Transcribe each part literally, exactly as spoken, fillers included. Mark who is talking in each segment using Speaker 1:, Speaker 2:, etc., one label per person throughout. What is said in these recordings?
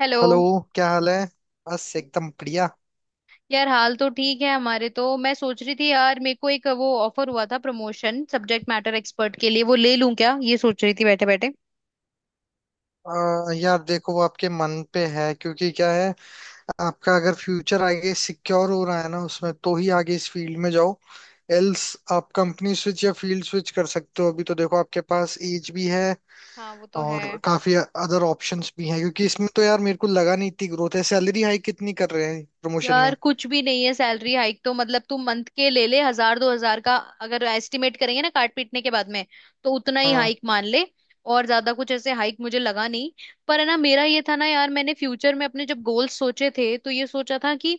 Speaker 1: Hello.
Speaker 2: Hello. क्या हाल है? बस एकदम बढ़िया।
Speaker 1: यार, हाल तो ठीक है हमारे तो। मैं सोच रही थी यार मेरे को एक वो ऑफर हुआ था प्रमोशन सब्जेक्ट मैटर एक्सपर्ट के लिए, वो ले लूं क्या, ये सोच रही थी बैठे बैठे।
Speaker 2: अ, यार देखो, वो आपके मन पे है, क्योंकि क्या है, आपका अगर फ्यूचर आगे सिक्योर हो रहा है ना उसमें, तो ही आगे इस फील्ड में जाओ। एल्स आप कंपनी स्विच या फील्ड स्विच कर सकते हो। अभी तो देखो, आपके पास एज भी है
Speaker 1: हाँ, वो तो है।
Speaker 2: और काफी अदर ऑप्शंस भी हैं, क्योंकि इसमें तो यार मेरे को लगा नहीं इतनी ग्रोथ है। सैलरी हाइक कितनी कर रहे हैं प्रमोशन
Speaker 1: यार
Speaker 2: में?
Speaker 1: कुछ भी नहीं है, सैलरी हाइक तो मतलब तू मंथ के ले ले हजार दो हजार का, अगर एस्टिमेट करेंगे ना काट पीटने के बाद में, तो उतना ही
Speaker 2: हाँ।
Speaker 1: हाइक मान ले। और ज्यादा कुछ ऐसे हाइक मुझे लगा नहीं। पर है ना मेरा ये था ना यार, मैंने फ्यूचर में अपने जब गोल्स सोचे थे तो ये सोचा था कि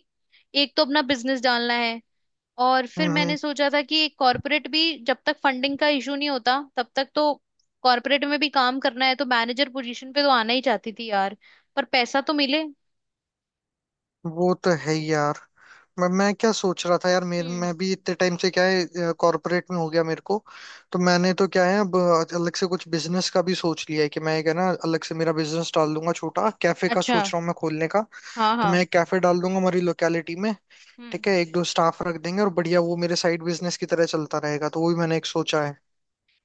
Speaker 1: एक तो अपना बिजनेस डालना है, और फिर
Speaker 2: हम्म
Speaker 1: मैंने
Speaker 2: हम्म।
Speaker 1: सोचा था कि कॉर्पोरेट भी, जब तक फंडिंग का इशू नहीं होता तब तक तो कॉर्पोरेट में भी काम करना है, तो मैनेजर पोजीशन पे तो आना ही चाहती थी यार। पर पैसा तो मिले।
Speaker 2: वो तो है ही यार। मैं मैं क्या सोच रहा था यार, मेरे
Speaker 1: हम्म।
Speaker 2: मैं भी इतने टाइम से, क्या है, कॉर्पोरेट में हो गया मेरे को। तो मैंने तो क्या है अब, अलग से कुछ बिजनेस का भी सोच लिया है कि मैं एक है ना अलग से मेरा बिजनेस डाल दूंगा। छोटा कैफे का
Speaker 1: अच्छा।
Speaker 2: सोच रहा हूँ मैं खोलने का।
Speaker 1: हाँ
Speaker 2: तो
Speaker 1: हाँ।
Speaker 2: मैं एक कैफे डाल दूंगा हमारी लोकेलिटी में।
Speaker 1: हम्म।
Speaker 2: ठीक है, एक दो स्टाफ रख देंगे और बढ़िया, वो मेरे साइड बिजनेस की तरह चलता रहेगा। तो वो भी मैंने एक सोचा है।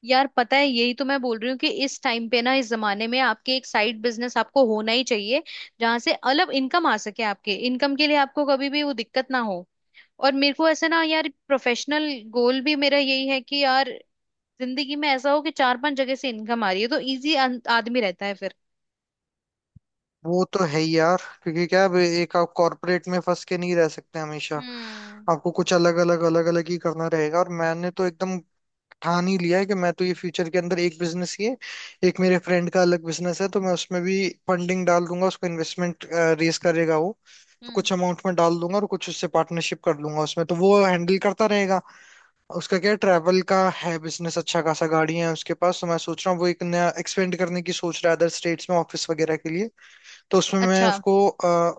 Speaker 1: यार पता है, यही तो मैं बोल रही हूँ कि इस टाइम पे ना इस जमाने में आपके एक साइड बिजनेस आपको होना ही चाहिए, जहां से अलग इनकम आ सके, आपके इनकम के लिए आपको कभी भी वो दिक्कत ना हो। और मेरे को ऐसे ना यार प्रोफेशनल गोल भी मेरा यही है कि यार जिंदगी में ऐसा हो कि चार पांच जगह से इनकम आ रही है, तो इजी आदमी रहता है फिर।
Speaker 2: वो तो है ही यार, क्योंकि क्या है, अब एक आप कॉर्पोरेट में फंस के नहीं रह सकते हमेशा।
Speaker 1: हम्म
Speaker 2: आपको कुछ अलग अलग अलग अलग ही करना रहेगा। और मैंने तो एकदम ठान ही लिया है कि मैं तो ये फ्यूचर के अंदर एक बिजनेस ही है। एक मेरे फ्रेंड का अलग बिजनेस है, तो मैं उसमें भी फंडिंग डाल दूंगा उसको, इन्वेस्टमेंट। रेस करेगा वो। तो
Speaker 1: हम्म।
Speaker 2: कुछ अमाउंट में डाल दूंगा और कुछ उससे पार्टनरशिप कर लूंगा उसमें, तो वो हैंडल करता रहेगा। उसका क्या ट्रैवल का है बिजनेस, अच्छा खासा गाड़ी है उसके पास। तो मैं सोच रहा हूँ वो एक नया एक्सपेंड करने की सोच रहा है, अदर स्टेट्स में ऑफिस वगैरह के लिए। तो उसमें मैं
Speaker 1: अच्छा।
Speaker 2: उसको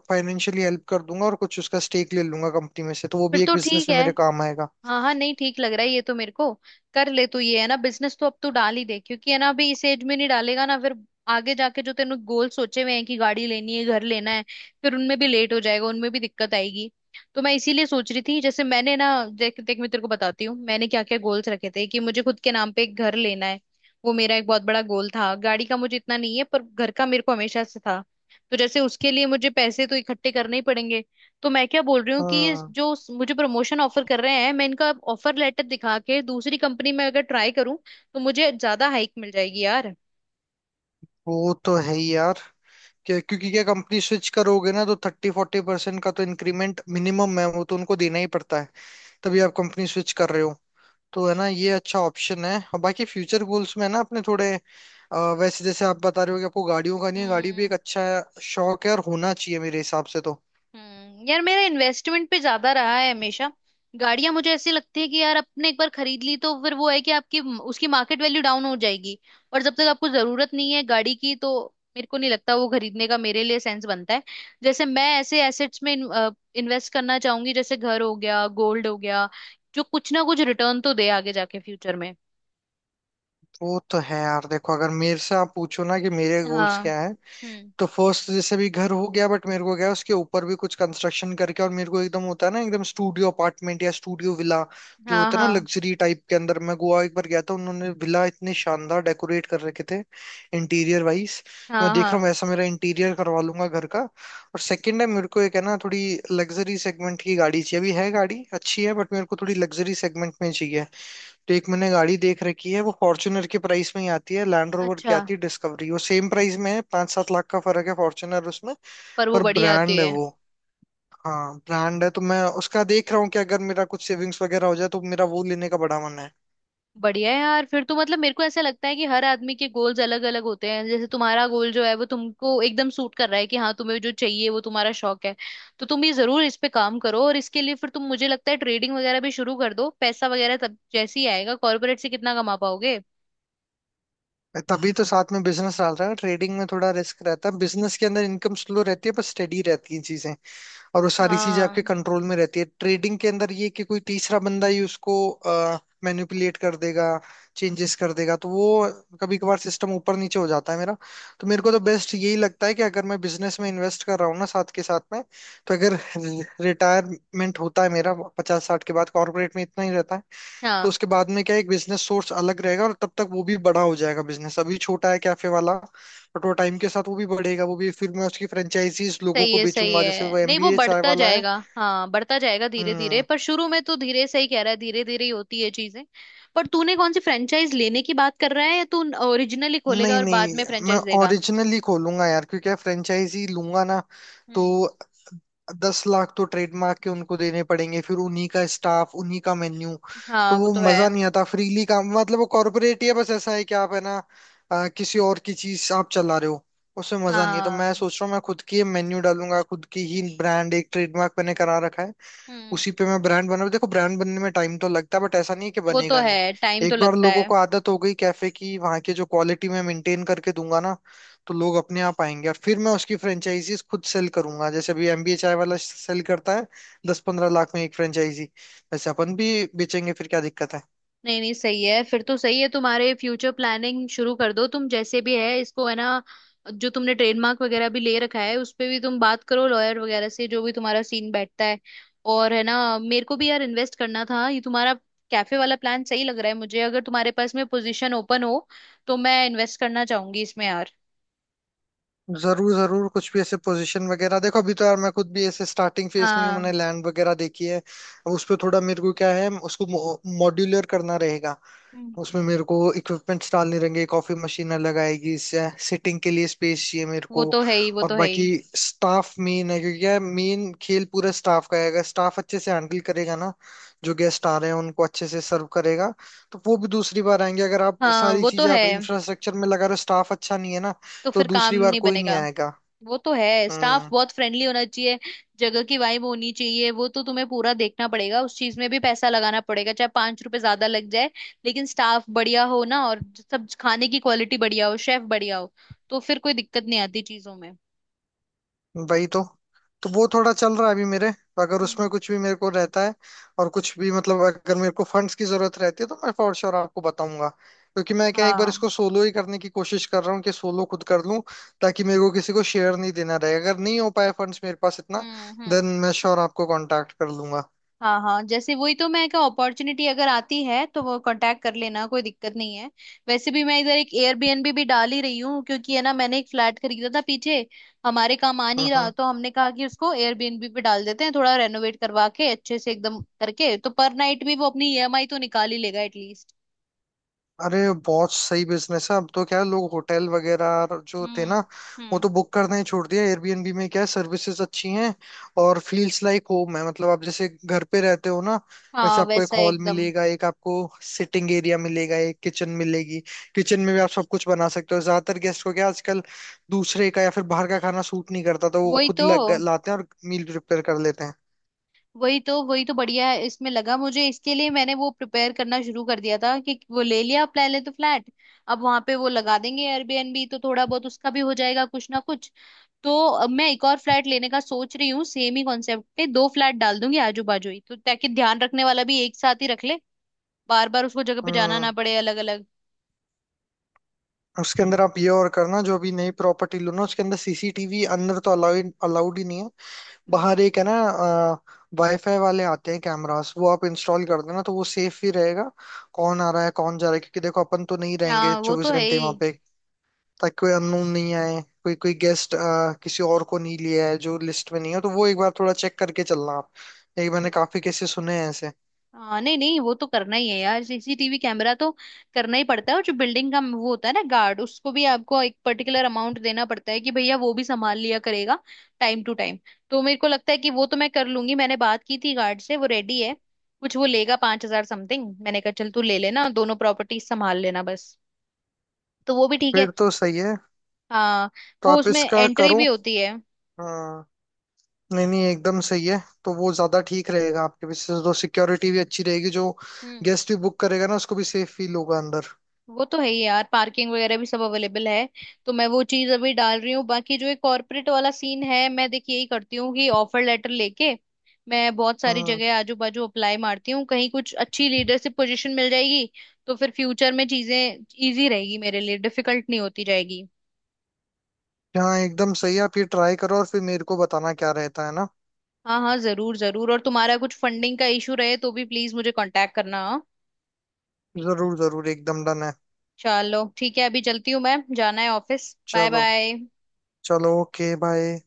Speaker 2: फाइनेंशियली हेल्प कर दूंगा और कुछ उसका स्टेक ले लूंगा कंपनी में से, तो वो
Speaker 1: फिर
Speaker 2: भी एक
Speaker 1: तो ठीक
Speaker 2: बिजनेस में
Speaker 1: है।
Speaker 2: मेरे काम आएगा।
Speaker 1: हाँ हाँ, नहीं ठीक लग रहा है ये तो मेरे को। कर ले तू ये, है ना, बिजनेस तो अब तू डाल ही दे, क्योंकि है ना अभी इस एज में नहीं डालेगा ना, फिर आगे जाके जो तेने गोल सोचे हुए हैं कि गाड़ी लेनी है घर लेना है, फिर उनमें भी लेट हो जाएगा, उनमें भी दिक्कत आएगी। तो मैं इसीलिए सोच रही थी, जैसे मैंने ना, देख देख मैं तेरे को बताती हूँ मैंने क्या क्या गोल्स रखे थे, कि मुझे खुद के नाम पे एक घर लेना है, वो मेरा एक बहुत बड़ा गोल था। गाड़ी का मुझे इतना नहीं है पर घर का मेरे को हमेशा से था। तो जैसे उसके लिए मुझे पैसे तो इकट्ठे करने ही पड़ेंगे। तो मैं क्या बोल रही हूँ कि ये
Speaker 2: हाँ,
Speaker 1: जो स- मुझे प्रमोशन ऑफर कर रहे हैं, मैं इनका ऑफर लेटर दिखा के दूसरी कंपनी में अगर ट्राई करूँ तो मुझे ज्यादा हाइक मिल जाएगी यार।
Speaker 2: वो तो है ही यार। क्या, क्योंकि क्या कंपनी स्विच करोगे ना, तो थर्टी फोर्टी परसेंट का तो इंक्रीमेंट मिनिमम है। वो तो उनको देना ही पड़ता है, तभी आप कंपनी स्विच कर रहे हो। तो है ना, ये अच्छा ऑप्शन है। और बाकी फ्यूचर गोल्स में है ना अपने थोड़े, अ, वैसे जैसे आप बता रहे हो कि आपको गाड़ियों का नहीं है, गाड़ी भी एक
Speaker 1: हम्म
Speaker 2: अच्छा शौक है और होना चाहिए मेरे हिसाब से तो।
Speaker 1: हम्म। यार मेरा इन्वेस्टमेंट पे ज्यादा रहा है हमेशा। गाड़ियां मुझे ऐसी लगती है कि यार आपने एक बार खरीद ली तो फिर वो है कि आपकी उसकी मार्केट वैल्यू डाउन हो जाएगी, और जब तक आपको जरूरत नहीं है गाड़ी की तो मेरे को नहीं लगता वो खरीदने का मेरे लिए सेंस बनता है। जैसे मैं ऐसे एसेट्स में इन्वेस्ट करना चाहूंगी, जैसे घर हो गया गोल्ड हो गया, जो कुछ ना कुछ रिटर्न तो दे आगे जाके फ्यूचर में।
Speaker 2: वो तो है यार। देखो, अगर मेरे से आप पूछो ना कि मेरे गोल्स
Speaker 1: हाँ।
Speaker 2: क्या है,
Speaker 1: हम्म।
Speaker 2: तो फर्स्ट जैसे भी घर हो गया, बट मेरे को क्या है, उसके ऊपर भी कुछ कंस्ट्रक्शन करके, और मेरे को एकदम होता है ना, एकदम स्टूडियो अपार्टमेंट या स्टूडियो विला जो
Speaker 1: हाँ
Speaker 2: होता है ना,
Speaker 1: हाँ।
Speaker 2: लग्जरी टाइप के अंदर। मैं गोवा एक बार गया था, उन्होंने विला इतने शानदार डेकोरेट कर रखे थे, इंटीरियर वाइज। मैं
Speaker 1: हाँ
Speaker 2: देख रहा
Speaker 1: हाँ।
Speaker 2: हूँ, वैसा मेरा इंटीरियर करवा लूंगा घर का। और सेकंड है, मेरे को एक है ना थोड़ी लग्जरी सेगमेंट की गाड़ी चाहिए। अभी है गाड़ी, अच्छी है, बट मेरे को थोड़ी लग्जरी सेगमेंट में चाहिए। तो एक मैंने गाड़ी देख रखी है, वो फॉर्च्यूनर के प्राइस में ही आती है। लैंड रोवर की
Speaker 1: अच्छा।
Speaker 2: आती है डिस्कवरी, वो सेम प्राइस में है, पाँच सात लाख का फर्क है फॉर्च्यूनर उसमें।
Speaker 1: पर वो
Speaker 2: पर
Speaker 1: बढ़िया आती
Speaker 2: ब्रांड है
Speaker 1: है।
Speaker 2: वो। हाँ, ब्रांड है। तो मैं उसका देख रहा हूँ कि अगर मेरा कुछ सेविंग्स वगैरह हो जाए, तो मेरा वो लेने का बड़ा मन है।
Speaker 1: बढ़िया है यार। फिर तो मतलब मेरे को ऐसा लगता है कि हर आदमी के गोल्स अलग अलग होते हैं, जैसे तुम्हारा गोल जो है वो तुमको एकदम सूट कर रहा है, कि हाँ तुम्हें जो चाहिए वो तुम्हारा शौक है, तो तुम ये जरूर इस पे काम करो, और इसके लिए फिर तुम मुझे लगता है ट्रेडिंग वगैरह भी शुरू कर दो, पैसा वगैरह तब जैसे ही आएगा कॉर्पोरेट से कितना कमा पाओगे।
Speaker 2: मैं तभी तो साथ में बिजनेस डाल रहा है। ट्रेडिंग में थोड़ा रिस्क रहता है, बिजनेस के अंदर इनकम स्लो रहती है पर स्टेडी रहती है चीजें, और वो सारी चीजें आपके
Speaker 1: हाँ।
Speaker 2: कंट्रोल में रहती है। ट्रेडिंग के अंदर ये है कि कोई तीसरा बंदा ही उसको मैनिपुलेट कर देगा, चेंजेस कर देगा। तो वो कभी कभार सिस्टम ऊपर नीचे हो जाता है मेरा। तो मेरे
Speaker 1: हम्म।
Speaker 2: को तो बेस्ट यही लगता है कि अगर मैं बिजनेस में इन्वेस्ट कर रहा हूँ ना साथ के साथ में, तो अगर रिटायरमेंट होता है मेरा पचास साठ के बाद, कॉर्पोरेट में इतना ही रहता है, तो
Speaker 1: हाँ।
Speaker 2: उसके बाद में क्या है, एक बिजनेस सोर्स अलग रहेगा और तब तक वो भी बड़ा हो जाएगा। बिजनेस अभी छोटा है कैफे वाला, बट वो टाइम के साथ वो भी बढ़ेगा। वो भी फिर मैं उसकी फ्रेंचाइजीज लोगों
Speaker 1: सही
Speaker 2: को
Speaker 1: है सही
Speaker 2: बेचूंगा, जैसे वो
Speaker 1: है, नहीं वो
Speaker 2: एम बी ए चाय
Speaker 1: बढ़ता
Speaker 2: वाला है।
Speaker 1: जाएगा, हाँ बढ़ता जाएगा धीरे धीरे,
Speaker 2: हम्म।
Speaker 1: पर शुरू में तो धीरे, सही कह रहा है, धीरे धीरे ही होती है चीजें। पर तूने कौन सी फ्रेंचाइज लेने की बात कर रहा है, या तू ओरिजिनली खोलेगा
Speaker 2: नहीं
Speaker 1: और बाद में
Speaker 2: नहीं, मैं
Speaker 1: फ्रेंचाइज देगा?
Speaker 2: ओरिजिनली खोलूंगा यार, क्योंकि फ्रेंचाइजी लूंगा ना, तो
Speaker 1: हम्म।
Speaker 2: दस लाख तो ट्रेडमार्क के उनको देने पड़ेंगे, फिर उन्हीं का स्टाफ उन्हीं का मेन्यू।
Speaker 1: हाँ
Speaker 2: तो
Speaker 1: वो
Speaker 2: वो
Speaker 1: तो है।
Speaker 2: मजा नहीं आता फ्रीली काम। मतलब वो कॉर्पोरेट ही है। बस ऐसा है कि आप है ना, अ, किसी और की चीज आप चला रहे हो, उसमें मजा नहीं है। तो
Speaker 1: हाँ।
Speaker 2: मैं सोच रहा हूँ, मैं खुद की मेन्यू डालूंगा, खुद की ही ब्रांड। एक ट्रेडमार्क मैंने करा रखा है,
Speaker 1: हम्म।
Speaker 2: उसी पे मैं ब्रांड बना। देखो, ब्रांड बनने में टाइम तो लगता है, बट ऐसा नहीं है कि
Speaker 1: वो तो
Speaker 2: बनेगा नहीं।
Speaker 1: है, टाइम तो
Speaker 2: एक बार
Speaker 1: लगता
Speaker 2: लोगों
Speaker 1: है।
Speaker 2: को आदत हो गई कैफे की, वहां के जो क्वालिटी मैं मेंटेन करके दूंगा ना, तो लोग अपने आप आएंगे। और फिर मैं उसकी फ्रेंचाइजीज खुद सेल करूंगा, जैसे अभी एम बी ए चाय वाला सेल करता है दस पंद्रह लाख में एक फ्रेंचाइजी। वैसे अपन भी बेचेंगे फिर, क्या दिक्कत है।
Speaker 1: नहीं नहीं सही है, फिर तो सही है, तुम्हारे फ्यूचर प्लानिंग शुरू कर दो तुम, जैसे भी है इसको, है ना, जो तुमने ट्रेडमार्क वगैरह भी ले रखा है उस पे भी तुम बात करो लॉयर वगैरह से, जो भी तुम्हारा सीन बैठता है, और है ना मेरे को भी यार इन्वेस्ट करना था, ये तुम्हारा कैफे वाला प्लान सही लग रहा है मुझे, अगर तुम्हारे पास में पोजीशन ओपन हो तो मैं इन्वेस्ट करना चाहूंगी इसमें यार।
Speaker 2: जरूर जरूर, कुछ भी ऐसे पोजीशन वगैरह। देखो, अभी तो यार मैं खुद भी ऐसे स्टार्टिंग फेज में ही हूँ। मैंने
Speaker 1: हाँ।
Speaker 2: लैंड वगैरह देखी है, अब उस पर थोड़ा, मेरे को क्या है, उसको मॉड्यूलर करना रहेगा।
Speaker 1: हम्म।
Speaker 2: उसमें मेरे को इक्विपमेंट्स डालने रहेंगे, कॉफी मशीन अलग आएगी, सिटिंग के लिए स्पेस चाहिए मेरे
Speaker 1: वो
Speaker 2: को।
Speaker 1: तो है ही, वो
Speaker 2: और
Speaker 1: तो है ही।
Speaker 2: बाकी स्टाफ मेन है, क्योंकि यार मेन खेल पूरा स्टाफ का है। अगर स्टाफ अच्छे से हैंडल करेगा ना, जो गेस्ट आ रहे हैं उनको अच्छे से सर्व करेगा, तो वो भी दूसरी बार आएंगे। अगर आप
Speaker 1: हाँ
Speaker 2: सारी
Speaker 1: वो तो
Speaker 2: चीजें
Speaker 1: है,
Speaker 2: आप इंफ्रास्ट्रक्चर में लगा रहे हो, स्टाफ अच्छा नहीं है ना,
Speaker 1: तो
Speaker 2: तो
Speaker 1: फिर काम
Speaker 2: दूसरी बार
Speaker 1: नहीं
Speaker 2: कोई नहीं
Speaker 1: बनेगा।
Speaker 2: आएगा।
Speaker 1: वो तो है, स्टाफ
Speaker 2: हम्म।
Speaker 1: बहुत फ्रेंडली होना चाहिए, जगह की वाइब होनी चाहिए, वो तो तुम्हें पूरा देखना पड़ेगा, उस चीज में भी पैसा लगाना पड़ेगा चाहे पांच रुपए ज्यादा लग जाए, लेकिन स्टाफ बढ़िया हो ना, और सब खाने की क्वालिटी बढ़िया हो शेफ बढ़िया हो, तो फिर कोई दिक्कत नहीं आती चीजों में।
Speaker 2: वही तो तो वो थोड़ा चल रहा है अभी मेरे। अगर उसमें
Speaker 1: हम्म।
Speaker 2: कुछ भी मेरे को रहता है और कुछ भी, मतलब अगर मेरे को फंड्स की जरूरत रहती है, तो मैं फॉर श्योर आपको बताऊंगा। क्योंकि मैं क्या, एक बार
Speaker 1: हाँ।
Speaker 2: इसको सोलो ही करने की कोशिश कर रहा हूँ कि सोलो खुद कर लूँ, ताकि मेरे को किसी को शेयर नहीं देना रहे। अगर नहीं हो पाए फंड्स मेरे पास इतना,
Speaker 1: हम्म
Speaker 2: देन
Speaker 1: हम्म।
Speaker 2: मैं श्योर आपको कांटेक्ट कर लूंगा।
Speaker 1: हाँ हाँ जैसे, वही तो मैं क्या, अपॉर्चुनिटी अगर आती है तो वो कांटेक्ट कर लेना, कोई दिक्कत नहीं है। वैसे भी मैं इधर एक एयरबीएनबी भी डाल ही रही हूँ, क्योंकि है ना मैंने एक फ्लैट खरीदा था पीछे, हमारे काम आ नहीं रहा, तो हमने कहा कि उसको एयरबीएनबी पे डाल देते हैं, थोड़ा रेनोवेट करवा के अच्छे से एकदम करके, तो पर नाइट भी वो अपनी ई एम आई तो निकाल ही लेगा एटलीस्ट।
Speaker 2: अरे, बहुत सही बिजनेस है। अब तो क्या है, लोग होटल वगैरह जो थे ना,
Speaker 1: हम्म
Speaker 2: वो
Speaker 1: हम्म।
Speaker 2: तो बुक करना ही छोड़ दिया। एयर बी एन बी में क्या है, सर्विसेज अच्छी हैं और फील्स लाइक होम है। मतलब आप जैसे घर पे रहते हो ना, वैसे
Speaker 1: हाँ
Speaker 2: आपको एक
Speaker 1: वैसा
Speaker 2: हॉल
Speaker 1: एकदम।
Speaker 2: मिलेगा, एक आपको सिटिंग एरिया मिलेगा, एक किचन मिलेगी। किचन में भी आप सब कुछ बना सकते हो। ज्यादातर गेस्ट को क्या, आजकल दूसरे का या फिर बाहर का खाना सूट नहीं करता, तो वो
Speaker 1: वही
Speaker 2: खुद
Speaker 1: तो,
Speaker 2: लग, लाते हैं और मील प्रिपेयर कर लेते हैं।
Speaker 1: वही तो, वही तो बढ़िया है इसमें, लगा मुझे इसके लिए मैंने वो प्रिपेयर करना शुरू कर दिया था कि वो ले लिया पहले तो फ्लैट, अब वहां पे वो लगा देंगे एयरबीएनबी, तो थोड़ा बहुत उसका भी हो जाएगा कुछ ना कुछ। तो अब मैं एक और फ्लैट लेने का सोच रही हूँ, सेम ही कॉन्सेप्ट पे दो फ्लैट डाल दूंगी आजू बाजू ही, तो ताकि ध्यान रखने वाला भी एक साथ ही रख ले, बार बार उसको जगह पे जाना
Speaker 2: हम्म।
Speaker 1: ना पड़े अलग अलग।
Speaker 2: उसके अंदर आप ये और करना, जो अभी नई प्रॉपर्टी लो ना, उसके अंदर सी सी टी वी अंदर तो अलाउड अलाउड ही नहीं है।
Speaker 1: हम्म।
Speaker 2: बाहर एक है ना, वाईफाई वाले आते हैं कैमरास, वो आप इंस्टॉल कर देना, तो वो सेफ ही रहेगा। कौन आ रहा है कौन जा रहा है, क्योंकि देखो अपन तो नहीं रहेंगे
Speaker 1: हाँ वो
Speaker 2: चौबीस
Speaker 1: तो है
Speaker 2: घंटे वहां पे। ताकि कोई अननोन नहीं आए, कोई कोई गेस्ट किसी और को नहीं लिया है जो लिस्ट में नहीं है, तो वो एक बार थोड़ा चेक करके चलना आप। ये मैंने
Speaker 1: ही।
Speaker 2: काफी केसेस सुने हैं ऐसे।
Speaker 1: हाँ नहीं नहीं, वो तो करना ही है यार सी सी टी वी कैमरा तो, करना ही पड़ता है, और जो बिल्डिंग का वो होता है ना गार्ड उसको भी आपको एक पर्टिकुलर अमाउंट देना पड़ता है कि भैया वो भी संभाल लिया करेगा टाइम टू टाइम। तो मेरे को लगता है कि वो तो मैं कर लूंगी, मैंने बात की थी गार्ड से वो रेडी है, कुछ वो लेगा पांच हजार समथिंग, मैंने कहा चल तू ले लेना दोनों प्रॉपर्टी संभाल लेना बस। तो वो भी ठीक है।
Speaker 2: फिर तो सही है।
Speaker 1: हाँ।
Speaker 2: तो
Speaker 1: वो
Speaker 2: आप
Speaker 1: उसमें
Speaker 2: इसका
Speaker 1: एंट्री
Speaker 2: करो।
Speaker 1: भी होती है।
Speaker 2: हाँ। नहीं नहीं, एकदम सही है। तो वो ज्यादा ठीक रहेगा आपके भी, तो सिक्योरिटी भी अच्छी रहेगी। जो
Speaker 1: हम्म।
Speaker 2: गेस्ट भी बुक करेगा ना, उसको भी सेफ फील होगा अंदर।
Speaker 1: वो तो है ही यार, पार्किंग वगैरह भी सब अवेलेबल है, तो मैं वो चीज अभी डाल रही हूँ। बाकी जो ये कॉर्पोरेट वाला सीन है मैं देखिए यही करती हूँ कि ऑफर लेटर लेके मैं बहुत सारी
Speaker 2: हम्म।
Speaker 1: जगह आजू बाजू अप्लाई मारती हूँ, कहीं कुछ अच्छी लीडरशिप पोजीशन मिल जाएगी, तो फिर फ्यूचर में चीजें इजी रहेगी मेरे लिए, डिफिकल्ट नहीं होती जाएगी।
Speaker 2: हाँ, एकदम सही है। आप ये ट्राई करो और फिर मेरे को बताना क्या रहता है ना।
Speaker 1: हाँ हाँ जरूर जरूर, और तुम्हारा कुछ फंडिंग का इशू रहे तो भी प्लीज मुझे कांटेक्ट करना, हाँ?
Speaker 2: जरूर जरूर, एकदम डन है।
Speaker 1: चलो ठीक है, अभी चलती हूँ, मैं जाना है ऑफिस, बाय
Speaker 2: चलो।
Speaker 1: बाय।
Speaker 2: चलो, ओके, बाय।